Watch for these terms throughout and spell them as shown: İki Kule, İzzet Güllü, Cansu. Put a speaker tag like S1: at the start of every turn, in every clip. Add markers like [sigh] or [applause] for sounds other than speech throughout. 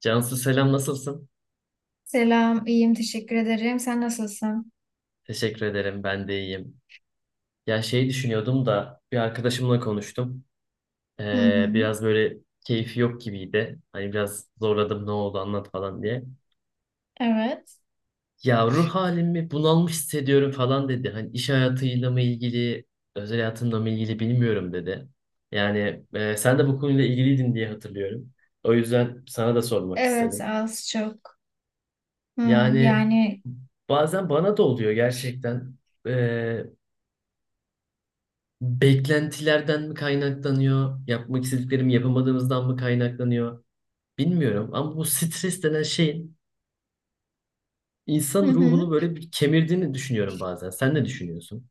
S1: Cansu, selam, nasılsın?
S2: Selam, iyiyim, teşekkür ederim. Sen nasılsın?
S1: Teşekkür ederim, ben de iyiyim. Ya şey düşünüyordum da bir arkadaşımla konuştum.
S2: Hı hı.
S1: Biraz böyle keyfi yok gibiydi. Hani biraz zorladım, ne oldu anlat falan diye.
S2: Evet.
S1: Ya ruh halimi bunalmış hissediyorum falan dedi. Hani iş hayatıyla mı ilgili, özel hayatımla mı ilgili bilmiyorum dedi. Yani sen de bu konuyla ilgiliydin diye hatırlıyorum. O yüzden sana da sormak
S2: Evet,
S1: istedim.
S2: az çok. Hı,
S1: Yani
S2: yani,
S1: bazen bana da oluyor gerçekten. Ee, beklentilerden mi kaynaklanıyor, yapmak istediklerimi yapamadığımızdan mı kaynaklanıyor bilmiyorum. Ama bu stres denen şeyin
S2: hı
S1: insan
S2: hı.
S1: ruhunu böyle bir kemirdiğini düşünüyorum bazen. Sen ne düşünüyorsun?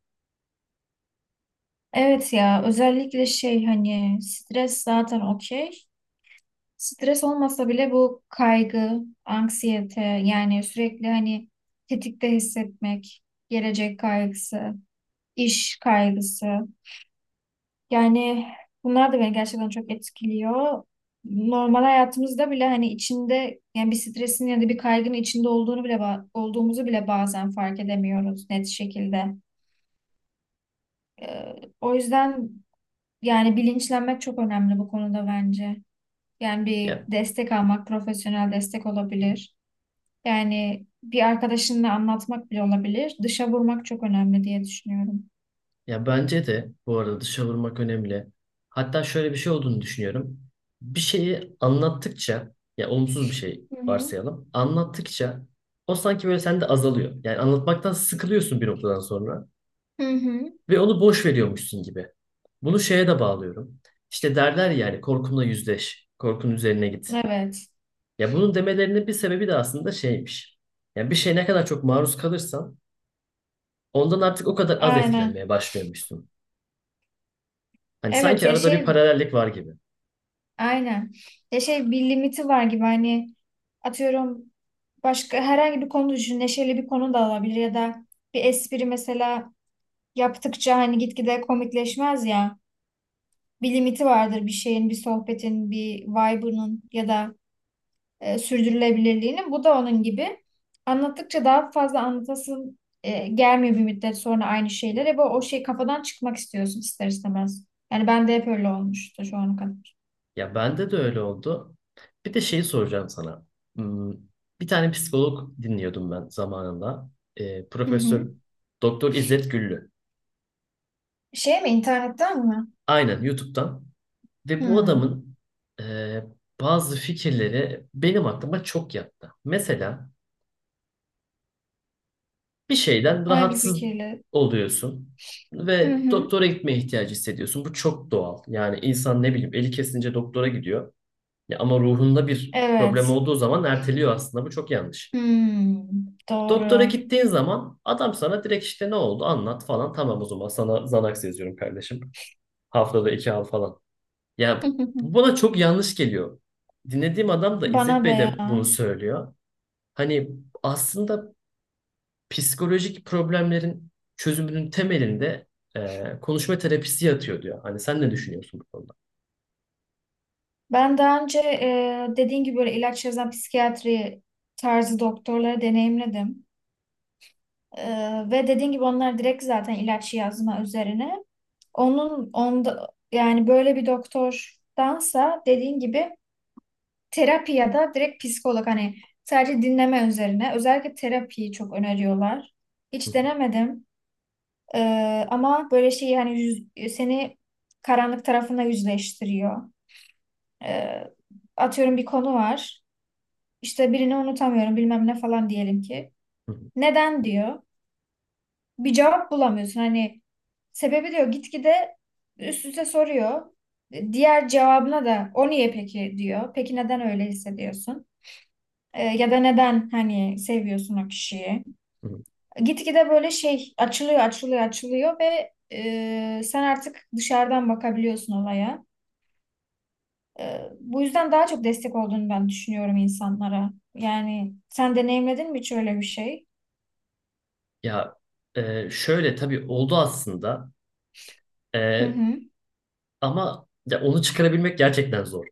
S2: Evet ya, özellikle şey hani stres zaten okey. Stres olmasa bile bu kaygı, anksiyete, yani sürekli hani tetikte hissetmek, gelecek kaygısı, iş kaygısı. Yani bunlar da beni gerçekten çok etkiliyor. Normal hayatımızda bile hani içinde yani bir stresin ya da bir kaygının içinde olduğunu bile olduğumuzu bile bazen fark edemiyoruz net şekilde. Ee, o yüzden yani bilinçlenmek çok önemli bu konuda bence. Yani bir
S1: Ya,
S2: destek almak, profesyonel destek olabilir. Yani bir arkadaşınla anlatmak bile olabilir. Dışa vurmak çok önemli diye düşünüyorum.
S1: ya bence de bu arada dışa vurmak önemli. Hatta şöyle bir şey olduğunu düşünüyorum. Bir şeyi anlattıkça, ya olumsuz bir şey
S2: Hı hı.
S1: varsayalım, anlattıkça o sanki böyle sende azalıyor. Yani anlatmaktan sıkılıyorsun bir noktadan sonra.
S2: Hı hı.
S1: Ve onu boş veriyormuşsun gibi. Bunu şeye de bağlıyorum. İşte derler yani, korkunla yüzleş, korkun üzerine git.
S2: Evet.
S1: Ya bunun demelerinin bir sebebi de aslında şeymiş. Yani bir şeye ne kadar çok maruz kalırsan ondan artık o kadar az
S2: Aynen.
S1: etkilenmeye başlıyormuşsun. Hani
S2: Evet
S1: sanki
S2: ya,
S1: arada bir
S2: şey,
S1: paralellik var gibi.
S2: aynen. Ya şey, bir limiti var gibi hani atıyorum başka herhangi bir konu düşün. Neşeli bir konu da olabilir ya da bir espri mesela yaptıkça hani gitgide komikleşmez ya. Bir limiti vardır bir şeyin, bir sohbetin, bir vibe'ının ya da sürdürülebilirliğinin. Bu da onun gibi. Anlattıkça daha fazla anlatasın gelmiyor bir müddet sonra aynı şeyler. Ve o şey kafadan çıkmak istiyorsun ister istemez. Yani ben de hep öyle olmuştu şu ana kadar.
S1: Ya bende de öyle oldu. Bir de şeyi soracağım sana. Hmm, Bir tane psikolog dinliyordum ben zamanında.
S2: Hı
S1: Profesör
S2: hı.
S1: Doktor İzzet Güllü.
S2: Şey mi, internetten mi?
S1: Aynen, YouTube'dan. Ve bu
S2: Hı.
S1: adamın e, bazı fikirleri benim aklıma çok yattı. Mesela bir şeyden
S2: Hangi
S1: rahatsız
S2: fikirle?
S1: oluyorsun
S2: Hı
S1: ve
S2: hı.
S1: doktora gitmeye ihtiyacı hissediyorsun. Bu çok doğal. Yani insan, ne bileyim, eli kesince doktora gidiyor. Ya ama ruhunda bir problem
S2: Evet.
S1: olduğu zaman erteliyor aslında. Bu çok yanlış.
S2: Hmm,
S1: Doktora
S2: doğru.
S1: gittiğin zaman adam sana direkt işte ne oldu anlat falan. Tamam, o zaman sana Xanax yazıyorum kardeşim. Haftada iki al falan. Ya bu
S2: [laughs]
S1: bana çok yanlış geliyor. Dinlediğim adam da, İzzet
S2: Bana da
S1: Bey
S2: ya.
S1: de bunu söylüyor. Hani aslında psikolojik problemlerin çözümünün temelinde konuşma terapisi yatıyor diyor. Hani sen ne düşünüyorsun bu konuda?
S2: Ben daha önce dediğin gibi böyle ilaç yazan psikiyatri tarzı doktorları deneyimledim. Ve dediğin gibi onlar direkt zaten ilaç yazma üzerine. Onun onda yani böyle bir doktordansa dediğin gibi terapi ya da direkt psikolog hani sadece dinleme üzerine özellikle terapiyi çok öneriyorlar.
S1: Hı
S2: Hiç
S1: hı,
S2: denemedim. Ama böyle şey hani seni karanlık tarafına yüzleştiriyor. Ee, atıyorum bir konu var. İşte birini unutamıyorum, bilmem ne falan diyelim ki.
S1: hı
S2: Neden diyor. Bir cevap bulamıyorsun. Hani sebebi diyor, gitgide üst üste soruyor. Diğer cevabına da o niye peki diyor. Peki neden öyle hissediyorsun? Ya da neden hani seviyorsun o kişiyi?
S1: hı, hı.
S2: Gitgide böyle şey açılıyor, açılıyor, açılıyor ve sen artık dışarıdan bakabiliyorsun olaya. Bu yüzden daha çok destek olduğunu ben düşünüyorum insanlara. Yani sen deneyimledin mi hiç öyle bir şey?
S1: Ya, şöyle tabii oldu aslında.
S2: Hı
S1: E,
S2: hı.
S1: ama ya onu çıkarabilmek gerçekten zor.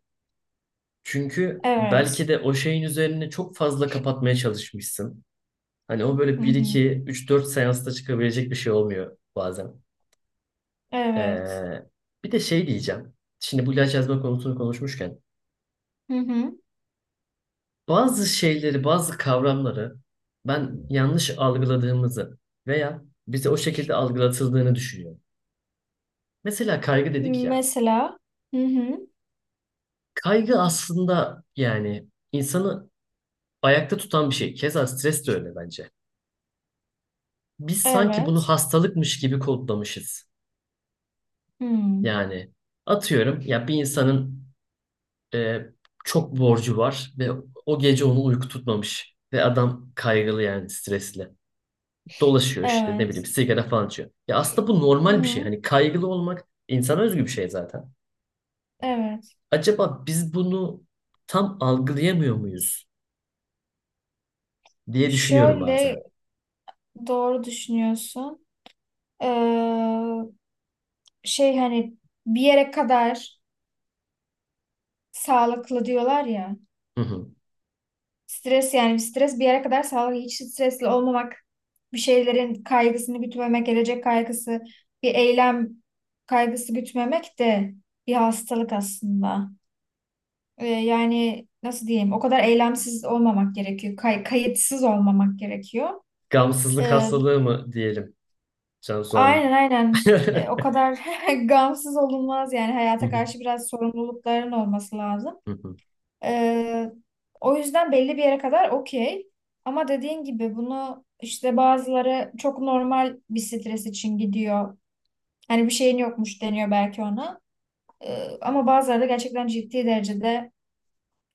S1: Çünkü belki
S2: Evet.
S1: de o şeyin üzerine çok fazla kapatmaya çalışmışsın. Hani o
S2: Hı
S1: böyle bir
S2: hı.
S1: iki üç dört seansta çıkabilecek bir şey olmuyor bazen.
S2: Evet.
S1: Ee, bir de şey diyeceğim. Şimdi bu ilaç yazma konusunu konuşmuşken
S2: Hı hı.
S1: bazı şeyleri, bazı kavramları ben yanlış algıladığımızı veya bize o şekilde algılatıldığını düşünüyorum. Mesela kaygı dedik ya.
S2: Mesela. Hı hı.
S1: Kaygı aslında yani insanı ayakta tutan bir şey. Keza stres de öyle bence. Biz sanki bunu
S2: Evet.
S1: hastalıkmış gibi kodlamışız.
S2: Hı.
S1: Yani atıyorum, ya bir insanın e, çok borcu var ve o gece onu uyku tutmamış. Ve adam kaygılı, yani stresli. Dolaşıyor, işte ne bileyim
S2: Evet.
S1: sigara falan içiyor. Ya aslında bu
S2: Hı
S1: normal bir şey.
S2: hı.
S1: Hani kaygılı olmak insana özgü bir şey zaten.
S2: Evet.
S1: Acaba biz bunu tam algılayamıyor muyuz diye düşünüyorum bazen.
S2: Şöyle, doğru düşünüyorsun. Ee, şey hani bir yere kadar sağlıklı diyorlar ya.
S1: Hı hı.
S2: Stres yani stres bir yere kadar sağlıklı. Hiç stresli olmamak, bir şeylerin kaygısını gütmemek, gelecek kaygısı, bir eylem kaygısı gütmemek de bir hastalık aslında. Yani nasıl diyeyim? O kadar eylemsiz olmamak gerekiyor. Kayıtsız olmamak gerekiyor.
S1: Gamsızlık
S2: Ee,
S1: hastalığı mı diyelim Cansu
S2: aynen
S1: Hanım?
S2: aynen. Ee,
S1: [laughs]
S2: o kadar [laughs] gamsız olunmaz yani
S1: Hı
S2: hayata
S1: hı,
S2: karşı biraz sorumlulukların olması lazım.
S1: hı hı.
S2: Ee, o yüzden belli bir yere kadar okey. Ama dediğin gibi bunu işte bazıları çok normal bir stres için gidiyor. Hani bir şeyin yokmuş deniyor belki ona. Ama bazıları da gerçekten ciddi derecede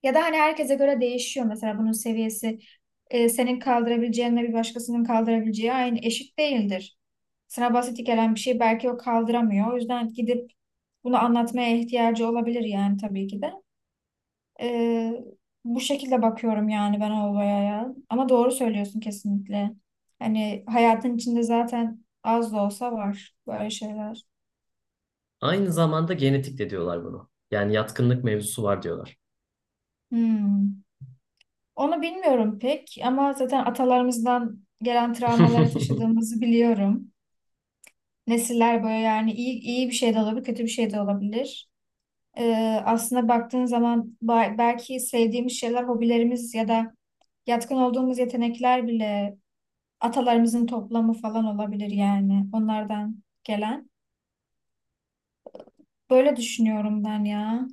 S2: ya da hani herkese göre değişiyor mesela bunun seviyesi. E, senin kaldırabileceğinle bir başkasının kaldırabileceği aynı, eşit değildir. Sana basit gelen bir şey belki o kaldıramıyor. O yüzden gidip bunu anlatmaya ihtiyacı olabilir yani tabii ki de. Ee, bu şekilde bakıyorum yani ben olaya ya. Ama doğru söylüyorsun kesinlikle. Hani hayatın içinde zaten az da olsa var böyle şeyler.
S1: Aynı zamanda genetik de diyorlar bunu. Yani yatkınlık mevzusu var diyorlar.
S2: Hmm. Onu bilmiyorum pek ama zaten atalarımızdan gelen travmaları
S1: [laughs]
S2: taşıdığımızı biliyorum. Nesiller böyle yani, iyi, iyi bir şey de olabilir, kötü bir şey de olabilir. Aslında baktığın zaman belki sevdiğimiz şeyler, hobilerimiz ya da yatkın olduğumuz yetenekler bile atalarımızın toplamı falan olabilir yani onlardan gelen. Böyle düşünüyorum ben ya.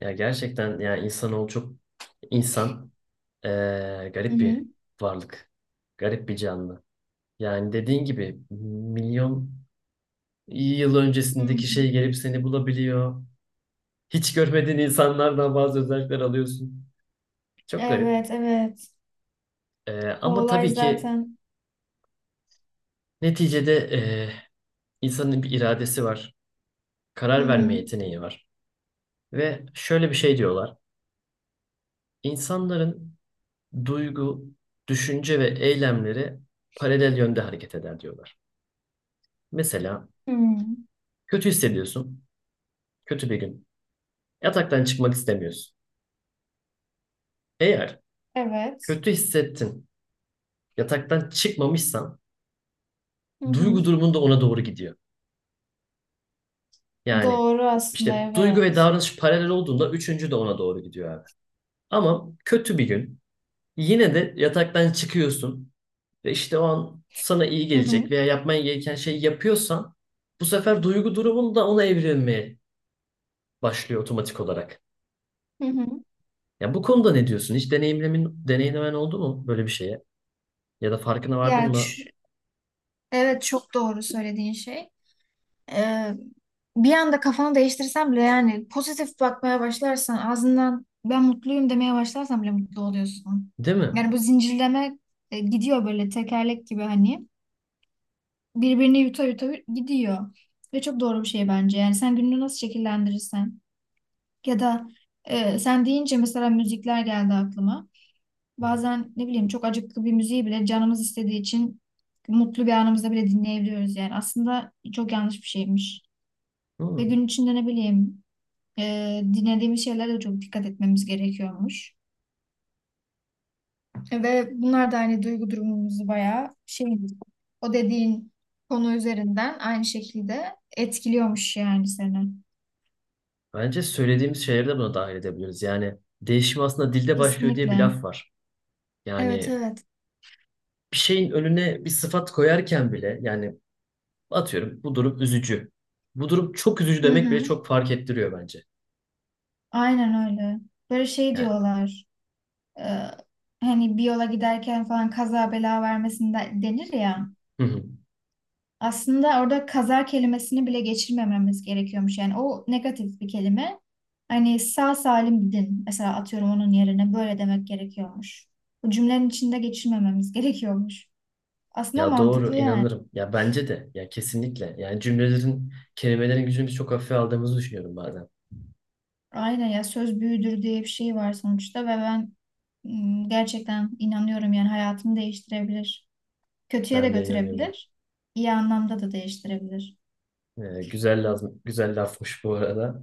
S1: Ya gerçekten, yani insanoğlu çok insan,
S2: Hı
S1: garip bir
S2: hı.
S1: varlık. Garip bir canlı. Yani dediğin gibi milyon yıl
S2: Hı hı.
S1: öncesindeki şey gelip seni bulabiliyor. Hiç görmediğin insanlardan bazı özellikler alıyorsun. Çok garip.
S2: Evet, evet. O
S1: Ama
S2: olay
S1: tabii ki
S2: zaten.
S1: neticede insanın bir iradesi var.
S2: Hı
S1: Karar
S2: hı.
S1: verme yeteneği var. Ve şöyle bir şey diyorlar. İnsanların duygu, düşünce ve eylemleri paralel yönde hareket eder diyorlar. Mesela
S2: Hı.
S1: kötü hissediyorsun. Kötü bir gün. Yataktan çıkmak istemiyorsun. Eğer
S2: Evet.
S1: kötü hissettin, yataktan çıkmamışsan
S2: Hı hı.
S1: duygu durumun da ona doğru gidiyor. Yani
S2: Doğru aslında,
S1: işte duygu ve
S2: evet.
S1: davranış paralel olduğunda üçüncü de ona doğru gidiyor abi. Ama kötü bir gün yine de yataktan çıkıyorsun ve işte o an sana iyi
S2: Hı
S1: gelecek
S2: hı.
S1: veya yapman gereken şeyi yapıyorsan bu sefer duygu durumun da ona evrilmeye başlıyor otomatik olarak.
S2: Hı hı.
S1: Ya bu konuda ne diyorsun? Hiç deneyimlemen oldu mu böyle bir şeye? Ya da farkına
S2: Ya
S1: vardın mı?
S2: ç- evet çok doğru söylediğin şey. e, bir anda kafanı değiştirsen bile yani pozitif bakmaya başlarsan, ağzından ben mutluyum demeye başlarsan bile mutlu oluyorsun.
S1: Değil mi?
S2: Yani bu zincirleme gidiyor böyle tekerlek gibi hani birbirini yuta yuta gidiyor. Ve çok doğru bir şey bence. Yani sen gününü nasıl şekillendirirsen ya da sen deyince mesela müzikler geldi aklıma. Bazen ne bileyim çok acıklı bir müziği bile canımız istediği için mutlu bir anımızda bile dinleyebiliyoruz yani. Aslında çok yanlış bir şeymiş. Ve
S1: Hmm.
S2: gün içinde ne bileyim e, dinlediğimiz şeylere de çok dikkat etmemiz gerekiyormuş. Ve bunlar da hani duygu durumumuzu bayağı şey, o dediğin konu üzerinden aynı şekilde etkiliyormuş yani seni.
S1: Bence söylediğimiz şeyleri de buna dahil edebiliriz. Yani değişim aslında dilde başlıyor diye bir
S2: Kesinlikle.
S1: laf var.
S2: Evet,
S1: Yani
S2: evet.
S1: bir şeyin önüne bir sıfat koyarken bile, yani atıyorum, bu durum üzücü, bu durum çok üzücü
S2: Hı
S1: demek bile
S2: hı.
S1: çok fark ettiriyor bence.
S2: Aynen öyle. Böyle şey
S1: Yani
S2: diyorlar. e, hani bir yola giderken falan kaza bela vermesinde denir ya.
S1: hı hı.
S2: Aslında orada kaza kelimesini bile geçirmememiz gerekiyormuş. Yani o negatif bir kelime. Hani sağ salim gidin. Mesela atıyorum onun yerine böyle demek gerekiyormuş. Bu cümlenin içinde geçirmememiz [laughs] gerekiyormuş. Aslında
S1: Ya doğru,
S2: mantıklı yani.
S1: inanırım. Ya bence de. Ya kesinlikle. Yani cümlelerin, kelimelerin gücünü biz çok hafife aldığımızı düşünüyorum bazen.
S2: Aynen ya, söz büyüdür diye bir şey var sonuçta ve ben gerçekten inanıyorum yani, hayatımı değiştirebilir. Kötüye de
S1: Ben de inanıyorum.
S2: götürebilir. İyi anlamda da değiştirebilir.
S1: Güzel lafmış bu arada.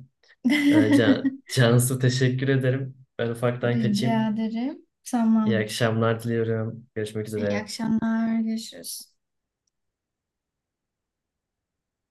S1: Can,
S2: [laughs]
S1: Cansu teşekkür ederim. Ben ufaktan
S2: Rica
S1: kaçayım.
S2: ederim.
S1: İyi
S2: Tamam.
S1: akşamlar diliyorum. Görüşmek
S2: İyi
S1: üzere.
S2: akşamlar. Görüşürüz.